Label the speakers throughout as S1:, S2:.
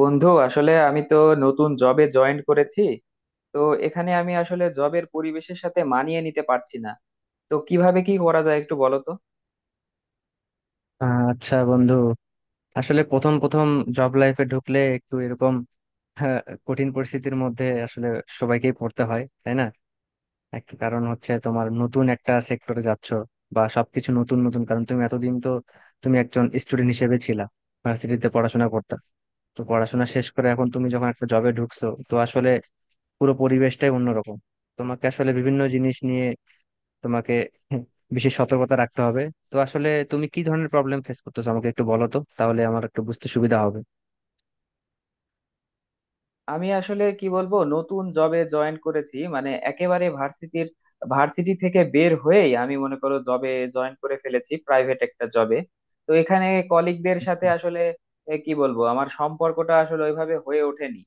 S1: বন্ধু, আসলে আমি তো নতুন জবে জয়েন করেছি। তো এখানে আমি আসলে জবের পরিবেশের সাথে মানিয়ে নিতে পারছি না। তো কিভাবে কি করা যায় একটু বলো তো।
S2: আচ্ছা বন্ধু, আসলে প্রথম প্রথম জব লাইফে ঢুকলে একটু এরকম হ্যাঁ, কঠিন পরিস্থিতির মধ্যে আসলে সবাইকেই পড়তে হয়, তাই না? একটা কারণ হচ্ছে তোমার নতুন একটা সেক্টরে যাচ্ছ বা সবকিছু নতুন নতুন, কারণ তুমি এতদিন তো একজন স্টুডেন্ট হিসেবে ছিলা, ভার্সিটিতে পড়াশোনা করতে। তো পড়াশোনা শেষ করে এখন তুমি যখন একটা জবে ঢুকছো তো আসলে পুরো পরিবেশটাই অন্যরকম। তোমাকে আসলে বিভিন্ন জিনিস নিয়ে তোমাকে বিশেষ সতর্কতা রাখতে হবে। তো আসলে তুমি কি ধরনের প্রবলেম ফেস করতেছো আমাকে একটু বলো তো, তাহলে আমার একটু বুঝতে সুবিধা হবে।
S1: আমি আসলে কি বলবো, নতুন জবে জয়েন করেছি, মানে একেবারে ভার্সিটি থেকে বের হয়েই আমি মনে করো জবে জয়েন করে ফেলেছি, প্রাইভেট একটা জবে। তো এখানে কলিগদের সাথে
S2: আচ্ছা।
S1: আসলে কি বলবো, আমার সম্পর্কটা আসলে ওইভাবে হয়ে ওঠেনি।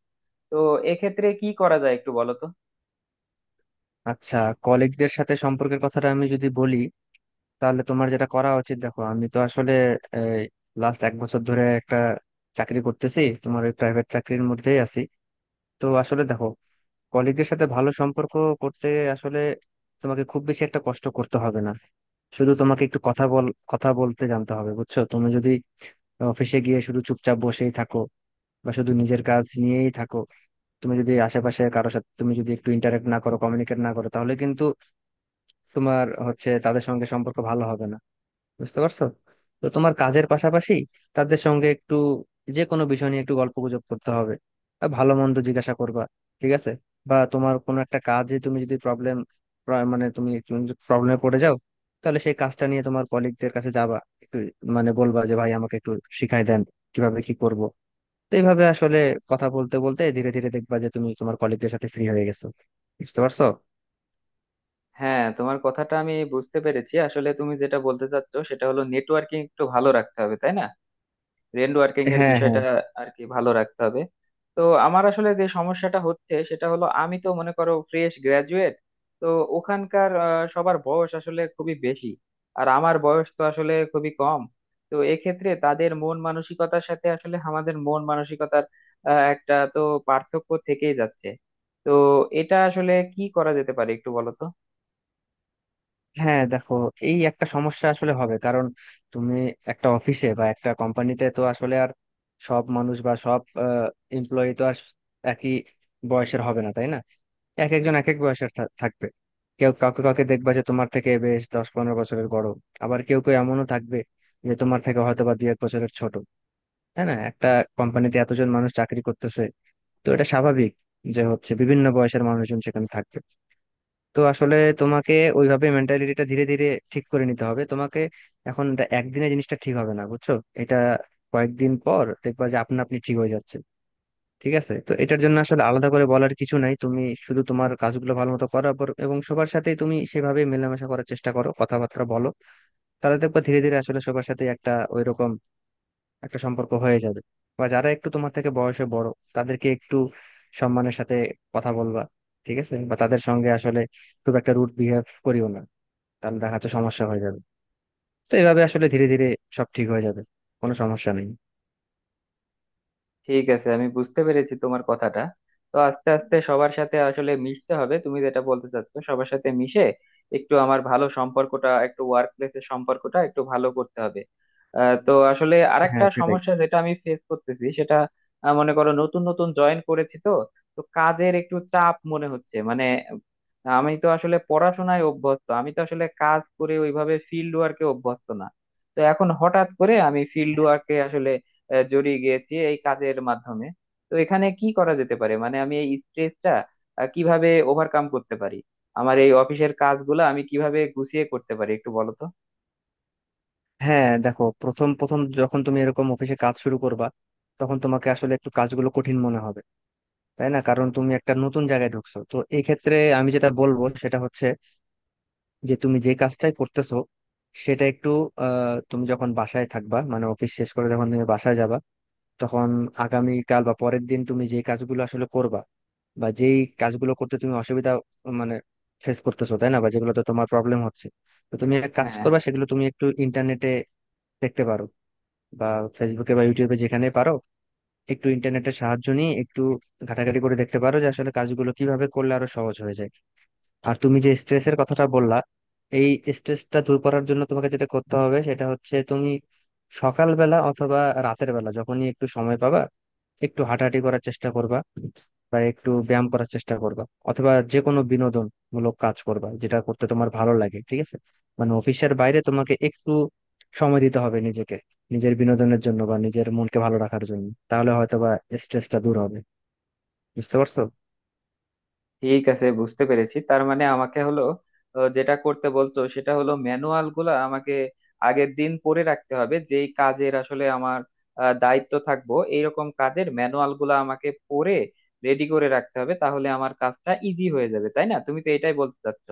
S1: তো এক্ষেত্রে কি করা যায় একটু বলো তো।
S2: আচ্ছা। কলিগদের সাথে সম্পর্কের কথাটা আমি যদি বলি, তাহলে তোমার যেটা করা উচিত, দেখো আমি তো আসলে লাস্ট 1 বছর ধরে একটা চাকরি করতেছি, তোমার ওই প্রাইভেট চাকরির মধ্যেই আছি। তো আসলে দেখো, কলিগদের সাথে ভালো সম্পর্ক করতে আসলে তোমাকে খুব বেশি একটা কষ্ট করতে হবে না। শুধু তোমাকে একটু কথা বলতে জানতে হবে, বুঝছো? তুমি যদি অফিসে গিয়ে শুধু চুপচাপ বসেই থাকো বা শুধু নিজের কাজ নিয়েই থাকো, তুমি যদি আশেপাশে কারোর সাথে তুমি যদি একটু ইন্টারাক্ট না করো, কমিউনিকেট না করো, তাহলে কিন্তু তোমার হচ্ছে তাদের সঙ্গে সম্পর্ক ভালো হবে না। বুঝতে পারছো? তো তোমার কাজের পাশাপাশি তাদের সঙ্গে একটু যে কোনো বিষয় নিয়ে একটু গল্প গুজব করতে হবে আর ভালো মন্দ জিজ্ঞাসা করবা, ঠিক আছে? বা তোমার কোনো একটা কাজে তুমি যদি প্রবলেম, মানে তুমি একটু প্রবলেমে পড়ে যাও, তাহলে সেই কাজটা নিয়ে তোমার কলিগদের কাছে যাবা, একটু মানে বলবা যে ভাই আমাকে একটু শিখাই দেন কিভাবে কি করব। তো এইভাবে আসলে কথা বলতে বলতে ধীরে ধীরে দেখবা যে তুমি তোমার কলিগদের সাথে ফ্রি হয়ে গেছো। বুঝতে পারছো?
S1: হ্যাঁ, তোমার কথাটা আমি বুঝতে পেরেছি। আসলে তুমি যেটা বলতে চাচ্ছ সেটা হলো নেটওয়ার্কিং একটু ভালো রাখতে হবে, তাই না? নেট ওয়ার্কিং এর
S2: হ্যাঁ, হ্যাঁ।
S1: বিষয়টা আর কি ভালো রাখতে হবে। তো আমার আসলে যে সমস্যাটা হচ্ছে সেটা হলো, আমি তো মনে করো ফ্রেশ গ্রাজুয়েট। তো ওখানকার সবার বয়স আসলে খুবই বেশি, আর আমার বয়স তো আসলে খুবই কম। তো এক্ষেত্রে তাদের মন মানসিকতার সাথে আসলে আমাদের মন মানসিকতার একটা তো পার্থক্য থেকেই যাচ্ছে। তো এটা আসলে কি করা যেতে পারে একটু বলো তো।
S2: হ্যাঁ দেখো, এই একটা সমস্যা আসলে হবে, কারণ তুমি একটা অফিসে বা একটা কোম্পানিতে তো আসলে আর সব মানুষ বা সব এমপ্লয়ি তো আর একই বয়সের হবে না, তাই না? এক একজন এক এক বয়সের থাকবে। কেউ কাউকে কাউকে দেখবা যে তোমার থেকে বেশ 10-15 বছরের বড়, আবার কেউ কেউ এমনও থাকবে যে তোমার থেকে হয়তো বা 2-1 বছরের ছোট। তাই না, একটা কোম্পানিতে এতজন মানুষ চাকরি করতেছে, তো এটা স্বাভাবিক যে হচ্ছে বিভিন্ন বয়সের মানুষজন সেখানে থাকবে। তো আসলে তোমাকে ওইভাবে মেন্টালিটিটা ধীরে ধীরে ঠিক করে নিতে হবে। তোমাকে এখন এটা একদিনে জিনিসটা ঠিক হবে না, বুঝছো? এটা কয়েকদিন পর দেখবা যে আপনা আপনি ঠিক হয়ে যাচ্ছে। ঠিক আছে, তো এটার জন্য আসলে আলাদা করে বলার কিছু নাই, তুমি শুধু তোমার কাজগুলো ভালো মতো করো এবং সবার সাথে তুমি সেভাবে মেলামেশা করার চেষ্টা করো, কথাবার্তা বলো, তাহলে দেখবা ধীরে ধীরে আসলে সবার সাথে একটা ওইরকম একটা সম্পর্ক হয়ে যাবে। বা যারা একটু তোমার থেকে বয়সে বড়, তাদেরকে একটু সম্মানের সাথে কথা বলবা, ঠিক আছে? বা তাদের সঙ্গে আসলে খুব একটা রুড বিহেভ করিও না, তাহলে দেখা যাচ্ছে সমস্যা হয়ে যাবে। তো এভাবে আসলে ধীরে ধীরে সব ঠিক হয়ে যাবে, কোনো সমস্যা নেই।
S1: ঠিক আছে, আমি বুঝতে পেরেছি তোমার কথাটা। তো আস্তে আস্তে সবার সাথে আসলে মিশতে হবে, তুমি যেটা বলতে চাচ্ছো, সবার সাথে মিশে একটু আমার ভালো সম্পর্কটা, একটু ওয়ার্ক প্লেসের সম্পর্কটা একটু ভালো করতে হবে। তো আসলে আরেকটা
S2: হ্যাঁ সেটাই।
S1: সমস্যা যেটা আমি ফেস করতেছি সেটা, মনে করো নতুন নতুন জয়েন করেছি তো, তো কাজের একটু চাপ মনে হচ্ছে। মানে আমি তো আসলে পড়াশোনায় অভ্যস্ত, আমি তো আসলে কাজ করে ওইভাবে ফিল্ড ওয়ার্কে অভ্যস্ত না। তো এখন হঠাৎ করে আমি ফিল্ড ওয়ার্কে আসলে জড়িয়ে গিয়েছি এই কাজের মাধ্যমে। তো এখানে কি করা যেতে পারে, মানে আমি এই স্ট্রেসটা কিভাবে ওভারকাম করতে পারি, আমার এই অফিসের কাজগুলো আমি কিভাবে গুছিয়ে করতে পারি একটু বলো তো।
S2: হ্যাঁ দেখো, প্রথম প্রথম যখন তুমি এরকম অফিসে কাজ শুরু করবা, তখন তোমাকে আসলে একটু কাজগুলো কঠিন মনে হবে, তাই না? কারণ তুমি একটা নতুন জায়গায় ঢুকছো। তো এই ক্ষেত্রে আমি যেটা বলবো সেটা হচ্ছে যে তুমি যে কাজটাই করতেছো সেটা একটু তুমি যখন বাসায় থাকবা, মানে অফিস শেষ করে যখন তুমি বাসায় যাবা, তখন আগামীকাল বা পরের দিন তুমি যে কাজগুলো আসলে করবা বা যেই কাজগুলো করতে তুমি অসুবিধা মানে ফেস করতেছো, তাই না, বা যেগুলোতে তোমার প্রবলেম হচ্ছে, তো তুমি এক কাজ
S1: হ্যাঁ,
S2: করবা, সেগুলো তুমি একটু ইন্টারনেটে দেখতে পারো বা ফেসবুকে বা ইউটিউবে, যেখানে পারো একটু ইন্টারনেটের সাহায্য নিয়ে একটু ঘাটাঘাটি করে দেখতে পারো যে আসলে কাজগুলো কিভাবে করলে আরো সহজ হয়ে যায়। আর তুমি যে স্ট্রেসের কথাটা বললা, এই স্ট্রেসটা দূর করার জন্য তোমাকে যেটা করতে হবে সেটা হচ্ছে তুমি সকালবেলা অথবা রাতের বেলা যখনই একটু সময় পাবা, একটু হাঁটাহাঁটি করার চেষ্টা করবা বা একটু ব্যায়াম করার চেষ্টা করবা, অথবা যে কোনো বিনোদনমূলক কাজ করবা যেটা করতে তোমার ভালো লাগে, ঠিক আছে? মানে অফিসের বাইরে তোমাকে একটু সময় দিতে হবে নিজেকে, নিজের বিনোদনের জন্য বা নিজের মনকে ভালো রাখার জন্য, তাহলে হয়তোবা স্ট্রেসটা দূর হবে। বুঝতে পারছো?
S1: ঠিক আছে, বুঝতে পেরেছি। তার মানে আমাকে হলো যেটা করতে বলতো সেটা হলো ম্যানুয়াল গুলা আমাকে আগের দিন পড়ে রাখতে হবে, যেই কাজের আসলে আমার দায়িত্ব থাকবো এইরকম কাজের ম্যানুয়াল গুলা আমাকে পড়ে রেডি করে রাখতে হবে, তাহলে আমার কাজটা ইজি হয়ে যাবে, তাই না? তুমি তো এটাই বলতে চাচ্ছ।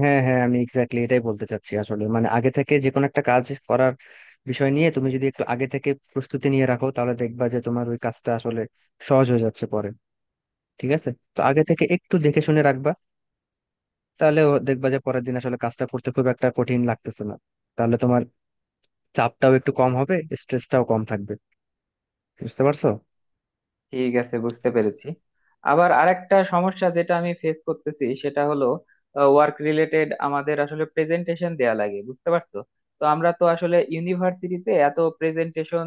S2: হ্যাঁ, হ্যাঁ, আমি এক্স্যাক্টলি এটাই বলতে চাচ্ছি আসলে। মানে আগে থেকে যে কোনো একটা কাজ করার বিষয় নিয়ে তুমি যদি একটু আগে থেকে প্রস্তুতি নিয়ে রাখো, তাহলে দেখবা যে তোমার ওই কাজটা আসলে সহজ হয়ে যাচ্ছে পরে। ঠিক আছে, তো আগে থেকে একটু দেখে শুনে রাখবা, তাহলে ও দেখবা যে পরের দিন আসলে কাজটা করতে খুব একটা কঠিন লাগতেছে না। তাহলে তোমার চাপটাও একটু কম হবে, স্ট্রেসটাও কম থাকবে। বুঝতে পারছো?
S1: ঠিক আছে, বুঝতে পেরেছি। আবার আরেকটা সমস্যা যেটা আমি ফেস করতেছি সেটা হলো ওয়ার্ক রিলেটেড আমাদের আসলে প্রেজেন্টেশন দেয়া লাগে, বুঝতে পারছো? তো আমরা তো আসলে ইউনিভার্সিটিতে এত প্রেজেন্টেশন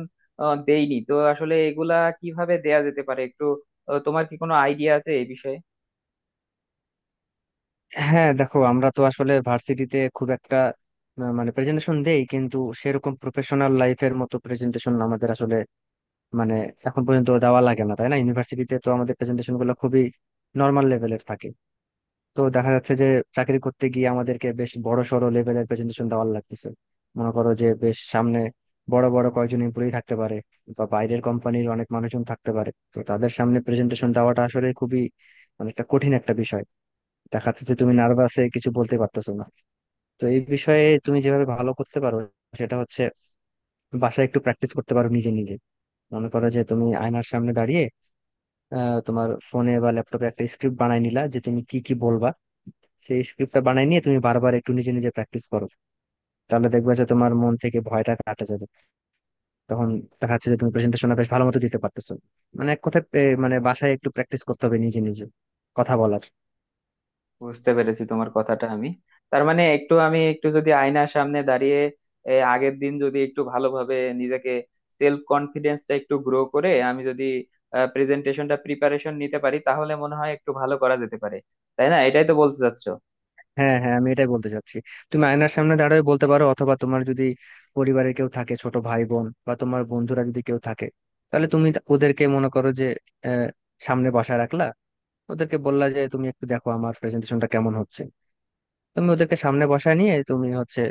S1: দেইনি। তো আসলে এগুলা কিভাবে দেয়া যেতে পারে, একটু তোমার কি কোনো আইডিয়া আছে এই বিষয়ে?
S2: হ্যাঁ দেখো, আমরা তো আসলে ভার্সিটিতে খুব একটা মানে প্রেজেন্টেশন দেই, কিন্তু সেরকম প্রফেশনাল লাইফের মতো প্রেজেন্টেশন আমাদের আসলে মানে এখন পর্যন্ত দেওয়া লাগে না, তাই না? ইউনিভার্সিটিতে তো আমাদের প্রেজেন্টেশন গুলো খুবই নর্মাল লেভেলের থাকে। তো দেখা যাচ্ছে যে চাকরি করতে গিয়ে আমাদেরকে বেশ বড় সড় লেভেলের প্রেজেন্টেশন দেওয়া লাগতেছে। মনে করো যে বেশ সামনে বড় বড় কয়েকজন এমপ্লয়ি থাকতে পারে বা বাইরের কোম্পানির অনেক মানুষজন থাকতে পারে, তো তাদের সামনে প্রেজেন্টেশন দেওয়াটা আসলে খুবই মানে একটা কঠিন একটা বিষয়। দেখা যাচ্ছে যে তুমি নার্ভাসে কিছু বলতে পারতেছো না। তো এই বিষয়ে তুমি যেভাবে ভালো করতে পারো সেটা হচ্ছে বাসায় একটু প্র্যাকটিস করতে পারো নিজে নিজে। মনে করো যে তুমি আয়নার সামনে দাঁড়িয়ে তোমার ফোনে বা ল্যাপটপে একটা স্ক্রিপ্ট বানাই নিলা যে তুমি কি কি বলবা, সেই স্ক্রিপ্টটা বানাই নিয়ে তুমি বারবার একটু নিজে নিজে প্র্যাকটিস করো, তাহলে দেখবে যে তোমার মন থেকে ভয়টা কাটা যাবে। তখন দেখা যাচ্ছে যে তুমি প্রেজেন্টেশনটা বেশ ভালো মতো দিতে পারতেছো। মানে এক কথায় মানে বাসায় একটু প্র্যাকটিস করতে হবে নিজে নিজে কথা বলার।
S1: বুঝতে পেরেছি তোমার কথাটা আমি। তার মানে একটু আমি একটু যদি আয়নার সামনে দাঁড়িয়ে আগের দিন যদি একটু ভালোভাবে নিজেকে, সেলফ কনফিডেন্সটা একটু গ্রো করে আমি যদি প্রেজেন্টেশনটা প্রিপারেশন নিতে পারি, তাহলে মনে হয় একটু ভালো করা যেতে পারে, তাই না? এটাই তো বলতে চাচ্ছো।
S2: হ্যাঁ, হ্যাঁ, আমি এটাই বলতে চাচ্ছি। তুমি আয়নার সামনে দাঁড়িয়ে বলতে পারো, অথবা তোমার যদি পরিবারে কেউ থাকে, ছোট ভাই বোন বা তোমার বন্ধুরা যদি কেউ থাকে, তাহলে তুমি ওদেরকে মনে করো যে আহ, সামনে বসায় রাখলা, ওদেরকে বললা যে তুমি একটু দেখো আমার প্রেজেন্টেশনটা কেমন হচ্ছে। তুমি ওদেরকে সামনে বসায় নিয়ে তুমি হচ্ছে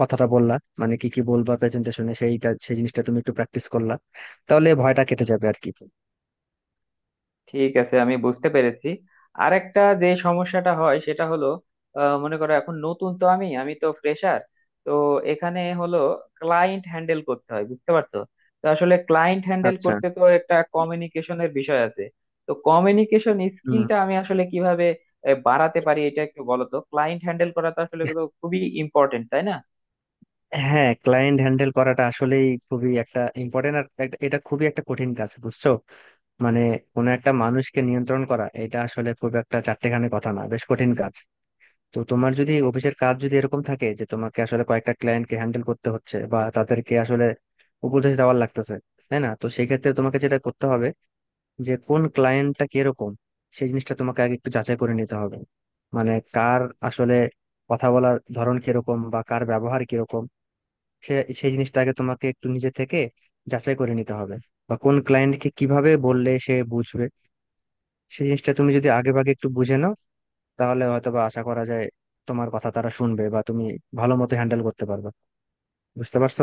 S2: কথাটা বললা, মানে কি কি বলবা প্রেজেন্টেশনে সেইটা, সেই জিনিসটা তুমি একটু প্র্যাকটিস করলা, তাহলে ভয়টা কেটে যাবে আর কি।
S1: ঠিক আছে, আমি বুঝতে পেরেছি। আর একটা যে সমস্যাটা হয় সেটা হলো, মনে করো এখন নতুন তো, আমি আমি তো ফ্রেশার। তো এখানে হলো ক্লায়েন্ট হ্যান্ডেল করতে হয়, বুঝতে পারছো? তো আসলে ক্লায়েন্ট হ্যান্ডেল
S2: আচ্ছা।
S1: করতে তো একটা কমিউনিকেশনের বিষয় আছে। তো কমিউনিকেশন
S2: হুম।
S1: স্কিলটা আমি আসলে কিভাবে বাড়াতে পারি এটা একটু বলো তো। ক্লায়েন্ট হ্যান্ডেল করা তো আসলে তো খুবই ইম্পর্টেন্ট, তাই না?
S2: হ্যাঁ, ক্লায়েন্ট হ্যান্ডেল করাটা আসলেই খুবই একটা ইম্পর্টেন্ট আর এটা খুবই একটা কঠিন কাজ, বুঝছো? মানে কোনো একটা মানুষকে নিয়ন্ত্রণ করা এটা আসলে খুব একটা চারটেখানি কথা না, বেশ কঠিন কাজ। তো তোমার যদি অফিসের কাজ যদি এরকম থাকে যে তোমাকে আসলে কয়েকটা ক্লায়েন্টকে হ্যান্ডেল করতে হচ্ছে বা তাদেরকে আসলে উপদেশ দেওয়ার লাগতেছে, তাই না, তো সেই ক্ষেত্রে তোমাকে যেটা করতে হবে, যে কোন ক্লায়েন্টটা কিরকম সেই জিনিসটা তোমাকে আগে একটু যাচাই করে নিতে হবে। মানে কার আসলে কথা বলার ধরন কিরকম বা কার ব্যবহার কিরকম, সে সেই জিনিসটা আগে তোমাকে একটু নিজে থেকে যাচাই করে নিতে হবে। বা কোন ক্লায়েন্টকে কিভাবে বললে সে বুঝবে সেই জিনিসটা তুমি যদি আগে ভাগে একটু বুঝে নাও, তাহলে হয়তো বা আশা করা যায় তোমার কথা তারা শুনবে বা তুমি ভালো মতো হ্যান্ডেল করতে পারবে। বুঝতে পারছো?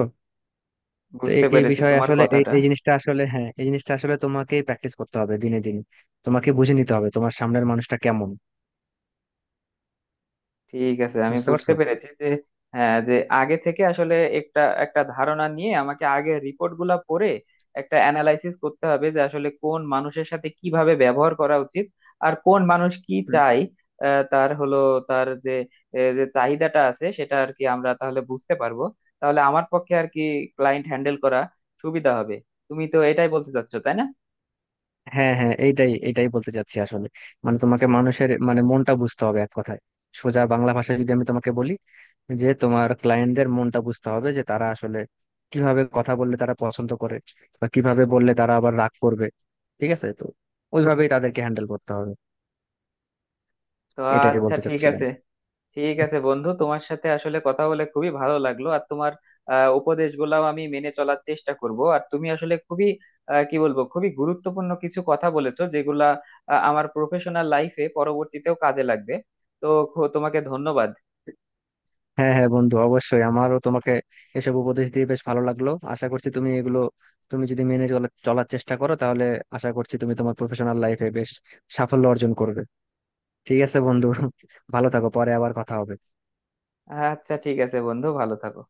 S2: তো এই
S1: বুঝতে
S2: এই
S1: পেরেছি
S2: বিষয়ে
S1: তোমার
S2: আসলে এই
S1: কথাটা।
S2: এই জিনিসটা আসলে হ্যাঁ এই জিনিসটা আসলে তোমাকেই প্র্যাকটিস করতে হবে দিনে দিনে। তোমাকে বুঝে নিতে হবে তোমার সামনের মানুষটা কেমন।
S1: ঠিক আছে, আমি
S2: বুঝতে
S1: বুঝতে
S2: পারছো?
S1: পেরেছি যে, হ্যাঁ, যে আগে থেকে আসলে একটা একটা ধারণা নিয়ে আমাকে আগে রিপোর্ট গুলা পড়ে একটা অ্যানালাইসিস করতে হবে যে আসলে কোন মানুষের সাথে কিভাবে ব্যবহার করা উচিত, আর কোন মানুষ কি চাই, তার হলো, তার যে যে চাহিদাটা আছে সেটা আর কি আমরা তাহলে বুঝতে পারবো। তাহলে আমার পক্ষে আর কি ক্লায়েন্ট হ্যান্ডেল করা সুবিধা হবে। তুমি তো এটাই বলতে চাচ্ছো, তাই না?
S2: হ্যাঁ, হ্যাঁ, এইটাই এইটাই বলতে চাচ্ছি আসলে। মানে তোমাকে মানুষের মানে মনটা বুঝতে হবে এক কথায়। সোজা বাংলা ভাষায় যদি আমি তোমাকে বলি, যে তোমার ক্লায়েন্টদের মনটা বুঝতে হবে যে তারা আসলে কিভাবে কথা বললে তারা পছন্দ করে বা কিভাবে বললে তারা আবার রাগ করবে। ঠিক আছে, তো ওইভাবেই তাদেরকে হ্যান্ডেল করতে হবে,
S1: তো
S2: এটাই
S1: আচ্ছা,
S2: বলতে
S1: ঠিক
S2: চাচ্ছিলাম।
S1: আছে। ঠিক আছে বন্ধু, তোমার সাথে আসলে কথা বলে খুবই ভালো লাগলো। আর তোমার উপদেশগুলাও আমি মেনে চলার চেষ্টা করব। আর তুমি আসলে খুবই কি বলবো, খুবই গুরুত্বপূর্ণ কিছু কথা বলেছো যেগুলা আমার প্রফেশনাল লাইফে পরবর্তীতেও কাজে লাগবে। তো তোমাকে ধন্যবাদ।
S2: হ্যাঁ, হ্যাঁ, বন্ধু, অবশ্যই, আমারও তোমাকে এসব উপদেশ দিয়ে বেশ ভালো লাগলো। আশা করছি তুমি এগুলো তুমি যদি মেনে চলার চেষ্টা করো, তাহলে আশা করছি তুমি তোমার প্রফেশনাল লাইফে বেশ সাফল্য অর্জন করবে। ঠিক আছে বন্ধু, ভালো থাকো, পরে আবার কথা হবে।
S1: আচ্ছা, ঠিক আছে বন্ধু, ভালো থাকো।